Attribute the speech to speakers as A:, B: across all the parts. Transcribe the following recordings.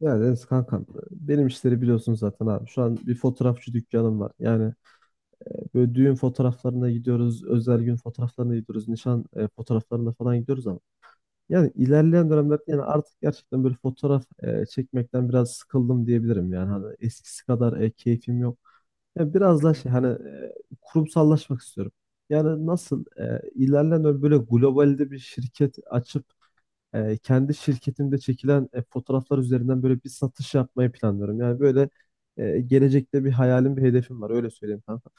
A: Ya Deniz kankam benim işleri biliyorsun zaten abi. Şu an bir fotoğrafçı dükkanım var. Böyle düğün fotoğraflarına gidiyoruz, özel gün fotoğraflarına gidiyoruz, nişan fotoğraflarına falan gidiyoruz ama yani ilerleyen dönemlerde yani artık gerçekten böyle fotoğraf çekmekten biraz sıkıldım diyebilirim yani. Hani eskisi kadar keyfim yok. Yani biraz
B: Hı
A: daha
B: hı.
A: şey hani kurumsallaşmak istiyorum. Yani nasıl ilerleyen dönem böyle globalde bir şirket açıp kendi şirketimde çekilen fotoğraflar üzerinden böyle bir satış yapmayı planlıyorum. Gelecekte bir hayalim, bir hedefim var öyle söyleyeyim kanka.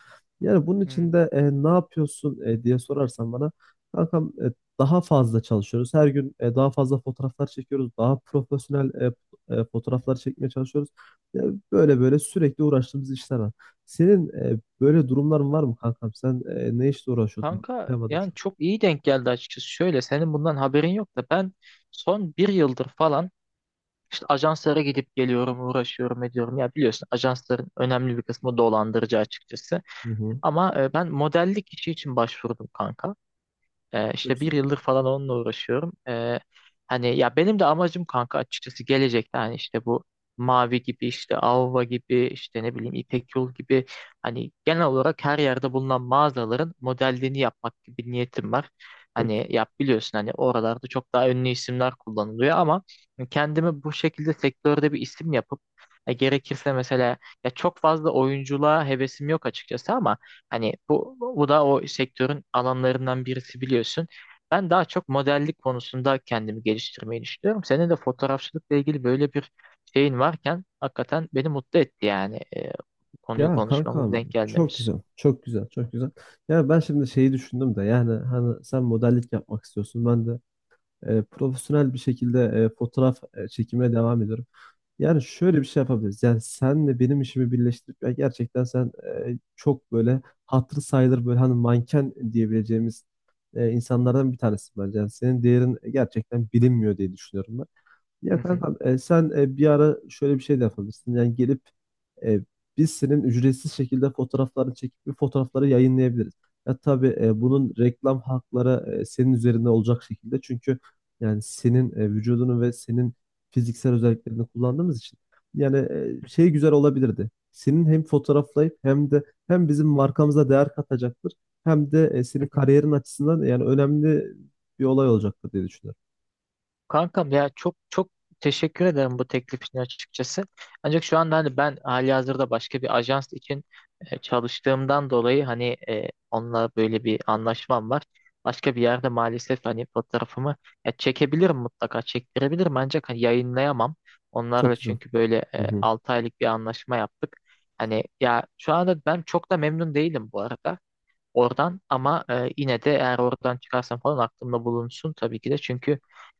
A: Yani bunun
B: Hmm.
A: için de ne yapıyorsun diye sorarsan bana kankam, daha fazla çalışıyoruz. Her gün daha fazla fotoğraflar çekiyoruz. Daha profesyonel fotoğraflar çekmeye çalışıyoruz. Yani böyle böyle sürekli uğraştığımız işler var. Senin böyle durumların var mı kankam? Sen ne işle uğraşıyordun?
B: Kanka
A: Bilemedim
B: yani
A: şu
B: çok iyi denk geldi açıkçası. Şöyle senin bundan haberin yok da ben son bir yıldır falan işte ajanslara gidip geliyorum, uğraşıyorum, ediyorum. Ya biliyorsun ajansların önemli bir kısmı dolandırıcı açıkçası.
A: an. Hı hı.
B: Ama ben modellik işi için başvurdum kanka.
A: Çok
B: İşte bir
A: güzel.
B: yıldır falan onunla uğraşıyorum. Hani ya benim de amacım kanka açıkçası gelecekte hani işte bu Mavi gibi işte Avva gibi işte ne bileyim İpek Yol gibi hani genel olarak her yerde bulunan mağazaların modelliğini yapmak gibi bir niyetim var.
A: Çok
B: Hani
A: güzel.
B: yap biliyorsun hani oralarda çok daha ünlü isimler kullanılıyor ama kendimi bu şekilde sektörde bir isim yapıp gerekirse mesela ya çok fazla oyunculuğa hevesim yok açıkçası ama hani bu da o sektörün alanlarından birisi biliyorsun. Ben daha çok modellik konusunda kendimi geliştirmeyi düşünüyorum. Senin de fotoğrafçılıkla ilgili böyle bir şeyin varken hakikaten beni mutlu etti yani, konuyu
A: Ya
B: konuşmamız,
A: kankam
B: denk
A: çok
B: gelmemiz.
A: güzel, çok güzel, çok güzel. Ya ben şimdi şeyi düşündüm de yani hani sen modellik yapmak istiyorsun. Ben de profesyonel bir şekilde fotoğraf çekimine devam ediyorum. Yani şöyle bir şey yapabiliriz. Yani senle benim işimi birleştirip ya gerçekten sen çok böyle hatırı sayılır böyle hani manken diyebileceğimiz insanlardan bir tanesin bence. Yani senin değerin gerçekten bilinmiyor diye düşünüyorum ben. Ya kankam, sen bir ara şöyle bir şey de yapabilirsin. Yani gelip e, biz senin ücretsiz şekilde fotoğraflarını çekip bir fotoğrafları yayınlayabiliriz. Ya tabii bunun reklam hakları senin üzerinde olacak şekilde. Çünkü yani senin vücudunu ve senin fiziksel özelliklerini kullandığımız için. Şey güzel olabilirdi. Senin hem fotoğraflayıp hem de hem bizim markamıza değer katacaktır. Hem de senin kariyerin açısından yani önemli bir olay olacaktır diye düşünüyorum.
B: Kankam ya çok çok teşekkür ederim bu teklif için açıkçası. Ancak şu anda hani ben halihazırda başka bir ajans için çalıştığımdan dolayı hani onunla böyle bir anlaşmam var. Başka bir yerde maalesef hani fotoğrafımı ya çekebilirim, mutlaka çektirebilirim ancak hani yayınlayamam.
A: Çok
B: Onlarla
A: güzel.
B: çünkü böyle
A: Hı hı.
B: 6 aylık bir anlaşma yaptık. Hani ya şu anda ben çok da memnun değilim bu arada oradan ama yine de eğer oradan çıkarsam falan aklımda bulunsun tabii ki de çünkü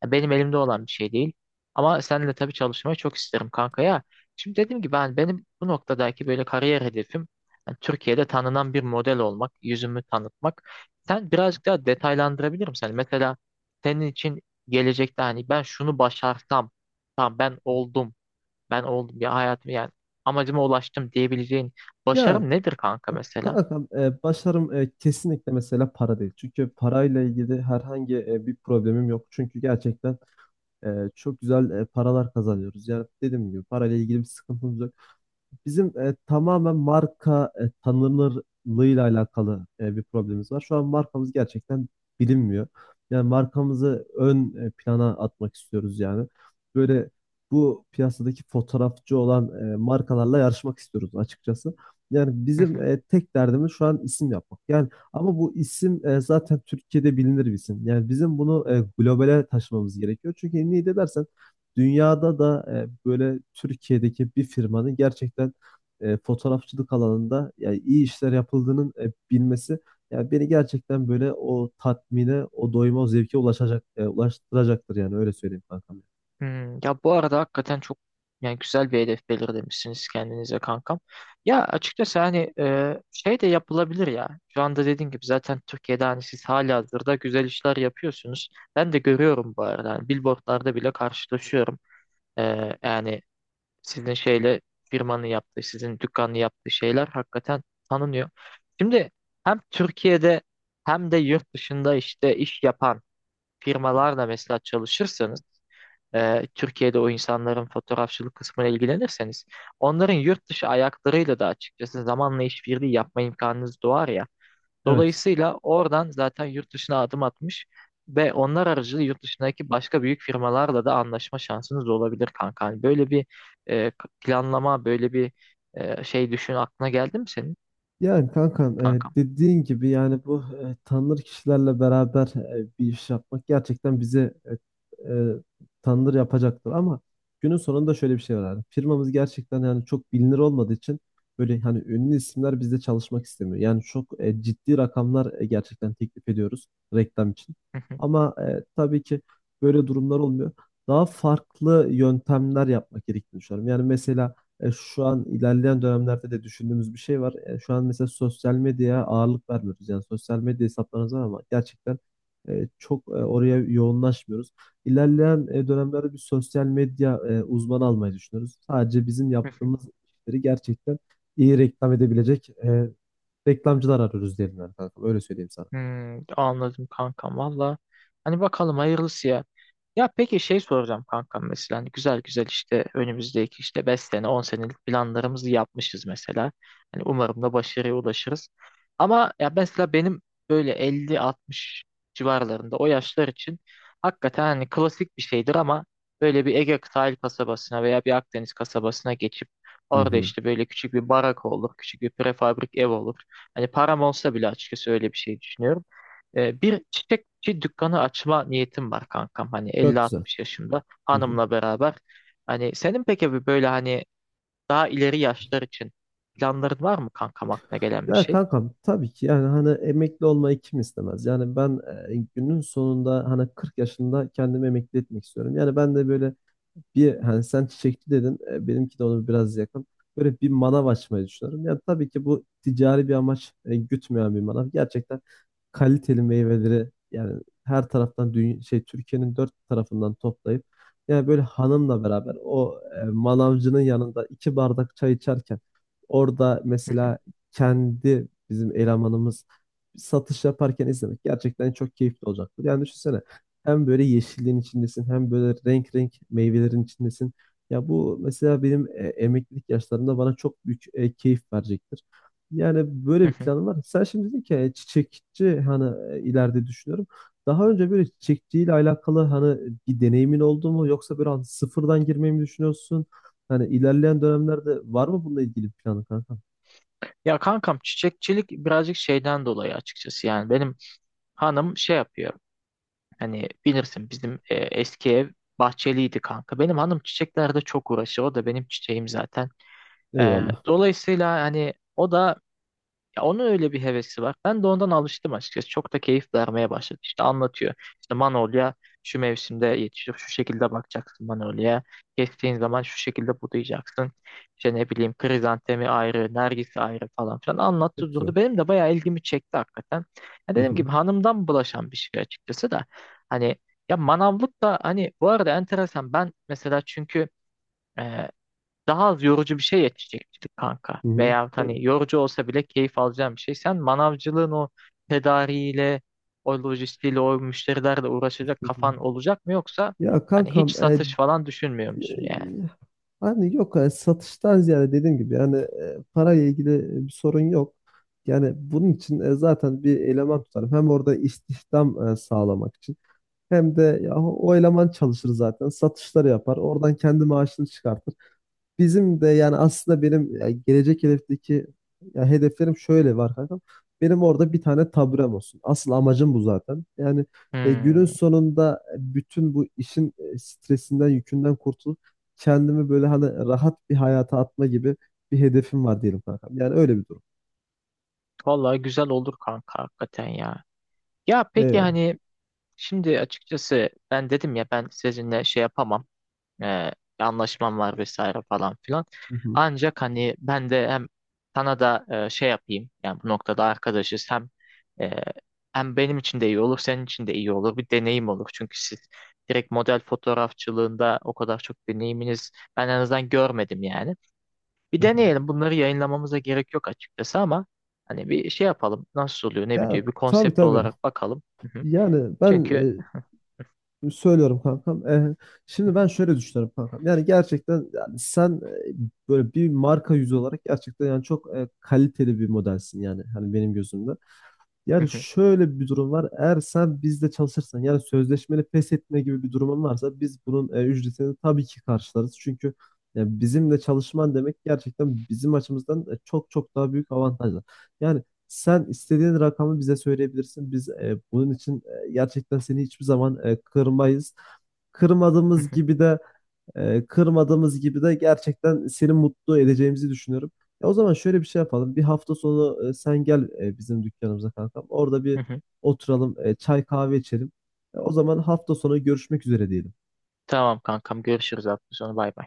B: ya benim elimde olan bir şey değil. Ama seninle tabii çalışmayı çok isterim kanka ya. Şimdi dediğim gibi benim bu noktadaki böyle kariyer hedefim yani Türkiye'de tanınan bir model olmak, yüzümü tanıtmak. Sen birazcık daha detaylandırabilir misin? Hani mesela senin için gelecekte hani ben şunu başarsam, tamam ben oldum, ben oldum ya hayatım yani amacıma ulaştım diyebileceğin
A: Ya
B: başarım nedir kanka mesela?
A: kankam, başarım kesinlikle mesela para değil. Çünkü parayla ilgili herhangi bir problemim yok. Çünkü gerçekten e, çok güzel paralar kazanıyoruz. Yani dediğim gibi parayla ilgili bir sıkıntımız yok bizim, tamamen marka tanınırlığıyla alakalı bir problemimiz var. Şu an markamız gerçekten bilinmiyor. Yani markamızı ön plana atmak istiyoruz yani. Böyle bu piyasadaki fotoğrafçı olan markalarla yarışmak istiyoruz açıkçası. Yani bizim tek derdimiz şu an isim yapmak. Yani ama bu isim zaten Türkiye'de bilinir bir isim. Yani bizim bunu globale taşımamız gerekiyor. Çünkü niye de dersen dünyada da böyle Türkiye'deki bir firmanın gerçekten fotoğrafçılık alanında yani iyi işler yapıldığının bilmesi yani beni gerçekten böyle o tatmine, o doyuma, o zevke ulaşacak, ulaştıracaktır yani öyle söyleyeyim kankam.
B: Hmm, ya bu arada hakikaten çok yani güzel bir hedef belirlemişsiniz kendinize kankam. Ya açıkçası hani şey de yapılabilir ya. Şu anda dediğim gibi zaten Türkiye'de hani siz halihazırda güzel işler yapıyorsunuz. Ben de görüyorum bu arada. Hani billboardlarda bile karşılaşıyorum. E, Yani sizin şeyle firmanın yaptığı, sizin dükkanın yaptığı şeyler hakikaten tanınıyor. Şimdi hem Türkiye'de hem de yurt dışında işte iş yapan firmalarla mesela çalışırsanız Türkiye'de o insanların fotoğrafçılık kısmına ilgilenirseniz onların yurt dışı ayaklarıyla da açıkçası zamanla işbirliği yapma imkanınız doğar ya.
A: Evet.
B: Dolayısıyla oradan zaten yurt dışına adım atmış ve onlar aracılığıyla yurt dışındaki başka büyük firmalarla da anlaşma şansınız olabilir kanka. Hani böyle bir e, planlama, böyle bir şey düşün aklına geldi mi senin
A: Yani kankam,
B: kankam?
A: dediğin gibi yani bu tanınır kişilerle beraber bir iş yapmak gerçekten bizi e, e, tanınır yapacaktır ama günün sonunda şöyle bir şey var abi. Firmamız gerçekten yani çok bilinir olmadığı için böyle hani ünlü isimler bizde çalışmak istemiyor. Yani çok ciddi rakamlar gerçekten teklif ediyoruz reklam için. Ama tabii ki böyle durumlar olmuyor. Daha farklı yöntemler yapmak gerektiğini düşünüyorum. Yani mesela şu an ilerleyen dönemlerde de düşündüğümüz bir şey var. Şu an mesela sosyal medyaya ağırlık vermiyoruz. Yani sosyal medya hesaplarımız var ama gerçekten çok oraya yoğunlaşmıyoruz. İlerleyen dönemlerde bir sosyal medya uzmanı almayı düşünüyoruz. Sadece bizim yaptığımız işleri gerçekten iyi reklam edebilecek reklamcılar arıyoruz diyelim yani kankam. Öyle söyleyeyim sana.
B: Hmm, anladım kankam valla. Hani bakalım hayırlısı ya. Ya peki şey soracağım kankam mesela hani güzel güzel işte önümüzdeki işte 5 sene 10 senelik planlarımızı yapmışız mesela. Hani umarım da başarıya ulaşırız. Ama ya mesela benim böyle 50 60 civarlarında o yaşlar için hakikaten hani klasik bir şeydir ama böyle bir Ege sahil kasabasına veya bir Akdeniz kasabasına geçip
A: Hı
B: orada
A: hı.
B: işte böyle küçük bir barak olur, küçük bir prefabrik ev olur. Hani param olsa bile açıkçası öyle bir şey düşünüyorum. Bir çiçekçi dükkanı açma niyetim var kankam. Hani
A: Çok
B: elli
A: güzel.
B: altmış yaşında
A: Hı hı.
B: hanımla beraber. Hani senin peki bir böyle hani daha ileri yaşlar için planların var mı kankam aklına gelen bir
A: Ya
B: şey?
A: kankam tabii ki yani hani emekli olmayı kim istemez? Yani ben, günün sonunda hani 40 yaşında kendimi emekli etmek istiyorum. Yani ben de böyle bir, hani sen çiçekçi dedin, benimki de onu biraz yakın. Böyle bir manav açmayı düşünüyorum. Yani tabii ki bu ticari bir amaç gütmeyen bir manav. Gerçekten kaliteli meyveleri yani her taraftan dünya, şey Türkiye'nin dört tarafından toplayıp yani böyle hanımla beraber o manavcının yanında iki bardak çay içerken orada mesela kendi bizim elemanımız satış yaparken izlemek gerçekten çok keyifli olacaktır. Yani düşünsene hem böyle yeşilliğin içindesin hem böyle renk renk meyvelerin içindesin. Ya bu mesela benim emeklilik yaşlarımda bana çok büyük keyif verecektir. Yani böyle bir planım var. Sen şimdi dedin ki, çiçekçi hani ileride düşünüyorum. Daha önce böyle çiçekçiyle alakalı hani bir deneyimin oldu mu yoksa böyle hani sıfırdan girmeyi mi düşünüyorsun? Hani ilerleyen dönemlerde var mı bununla ilgili bir planın kanka?
B: Ya kankam çiçekçilik birazcık şeyden dolayı açıkçası yani benim hanım şey yapıyor, hani bilirsin bizim eski ev bahçeliydi kanka, benim hanım çiçeklerde çok uğraşıyor, o da benim çiçeğim zaten. E,
A: Eyvallah.
B: Dolayısıyla hani o da, ya onun öyle bir hevesi var. Ben de ondan alıştım açıkçası. Çok da keyif vermeye başladı. İşte anlatıyor. İşte Manolya şu mevsimde yetişir. Şu şekilde bakacaksın Manolya'ya. Kestiğin zaman şu şekilde budayacaksın. İşte ne bileyim krizantemi ayrı, nergisi ayrı falan filan
A: Çok
B: anlattı
A: güzel.
B: durdu. Benim de bayağı ilgimi çekti hakikaten. Ya
A: Hı
B: dediğim
A: hı.
B: gibi hanımdan bulaşan bir şey açıkçası da. Hani ya manavlık da hani bu arada enteresan. Ben mesela çünkü daha az yorucu bir şey yetişecektik kanka.
A: Hı hı.
B: Veyahut
A: Tabii.
B: hani yorucu olsa bile keyif alacağım bir şey. Sen manavcılığın o tedariğiyle, o lojistiğiyle, o müşterilerle uğraşacak
A: Hı hı.
B: kafan olacak mı yoksa
A: Ya
B: hani hiç
A: kankam e,
B: satış falan düşünmüyor musun yani?
A: e, hani yok, satıştan ziyade dediğim gibi yani parayla ilgili bir sorun yok. Yani bunun için zaten bir eleman tutarım. Hem orada istihdam sağlamak için hem de ya, o eleman çalışır zaten satışları yapar. Oradan kendi maaşını çıkartır. Bizim de yani aslında benim ya gelecek hedefteki ya hedeflerim şöyle var kankam. Benim orada bir tane taburem olsun. Asıl amacım bu zaten. Yani günün
B: Hmm,
A: sonunda bütün bu işin stresinden, yükünden kurtulup kendimi böyle hani rahat bir hayata atma gibi bir hedefim var diyelim kankam. Yani öyle bir durum.
B: vallahi güzel olur kanka hakikaten ya. Ya peki
A: Eyvallah.
B: hani şimdi açıkçası ben dedim ya ben sizinle şey yapamam. e, Anlaşmam var vesaire falan filan.
A: Hı hı,
B: Ancak hani ben de hem sana da şey yapayım yani bu noktada arkadaşız, e, hem benim için de iyi olur, senin için de iyi olur, bir deneyim olur. Çünkü siz direkt model fotoğrafçılığında o kadar çok deneyiminiz ben en azından görmedim yani. Bir
A: hı hı.
B: deneyelim, bunları yayınlamamıza gerek yok açıkçası ama hani bir şey yapalım, nasıl oluyor ne
A: Ya
B: bitiyor, bir
A: tabii
B: konsept
A: tabii.
B: olarak bakalım. Hı hı.
A: Yani ben
B: Çünkü.
A: e, Söylüyorum kankam. Şimdi ben şöyle düşünüyorum kankam. Yani gerçekten yani sen, e, böyle bir marka yüzü olarak gerçekten yani çok kaliteli bir modelsin yani hani benim gözümde.
B: Hı
A: Yani
B: hı,
A: şöyle bir durum var. Eğer sen bizde çalışırsan yani sözleşmeli pes etme gibi bir durumun varsa biz bunun ücretini tabii ki karşılarız. Çünkü bizimle çalışman demek gerçekten bizim açımızdan çok çok daha büyük avantajlar. Yani sen istediğin rakamı bize söyleyebilirsin. Biz bunun için gerçekten seni hiçbir zaman kırmayız.
B: hı
A: Kırmadığımız
B: hı,
A: gibi de Kırmadığımız gibi de gerçekten seni mutlu edeceğimizi düşünüyorum. Ya o zaman şöyle bir şey yapalım. Bir hafta sonu sen gel bizim dükkanımıza kankam. Orada bir
B: hı hı.
A: oturalım, çay kahve içelim. O zaman hafta sonu görüşmek üzere diyelim.
B: Tamam kankam, görüşürüz hafta sonu, bay bay.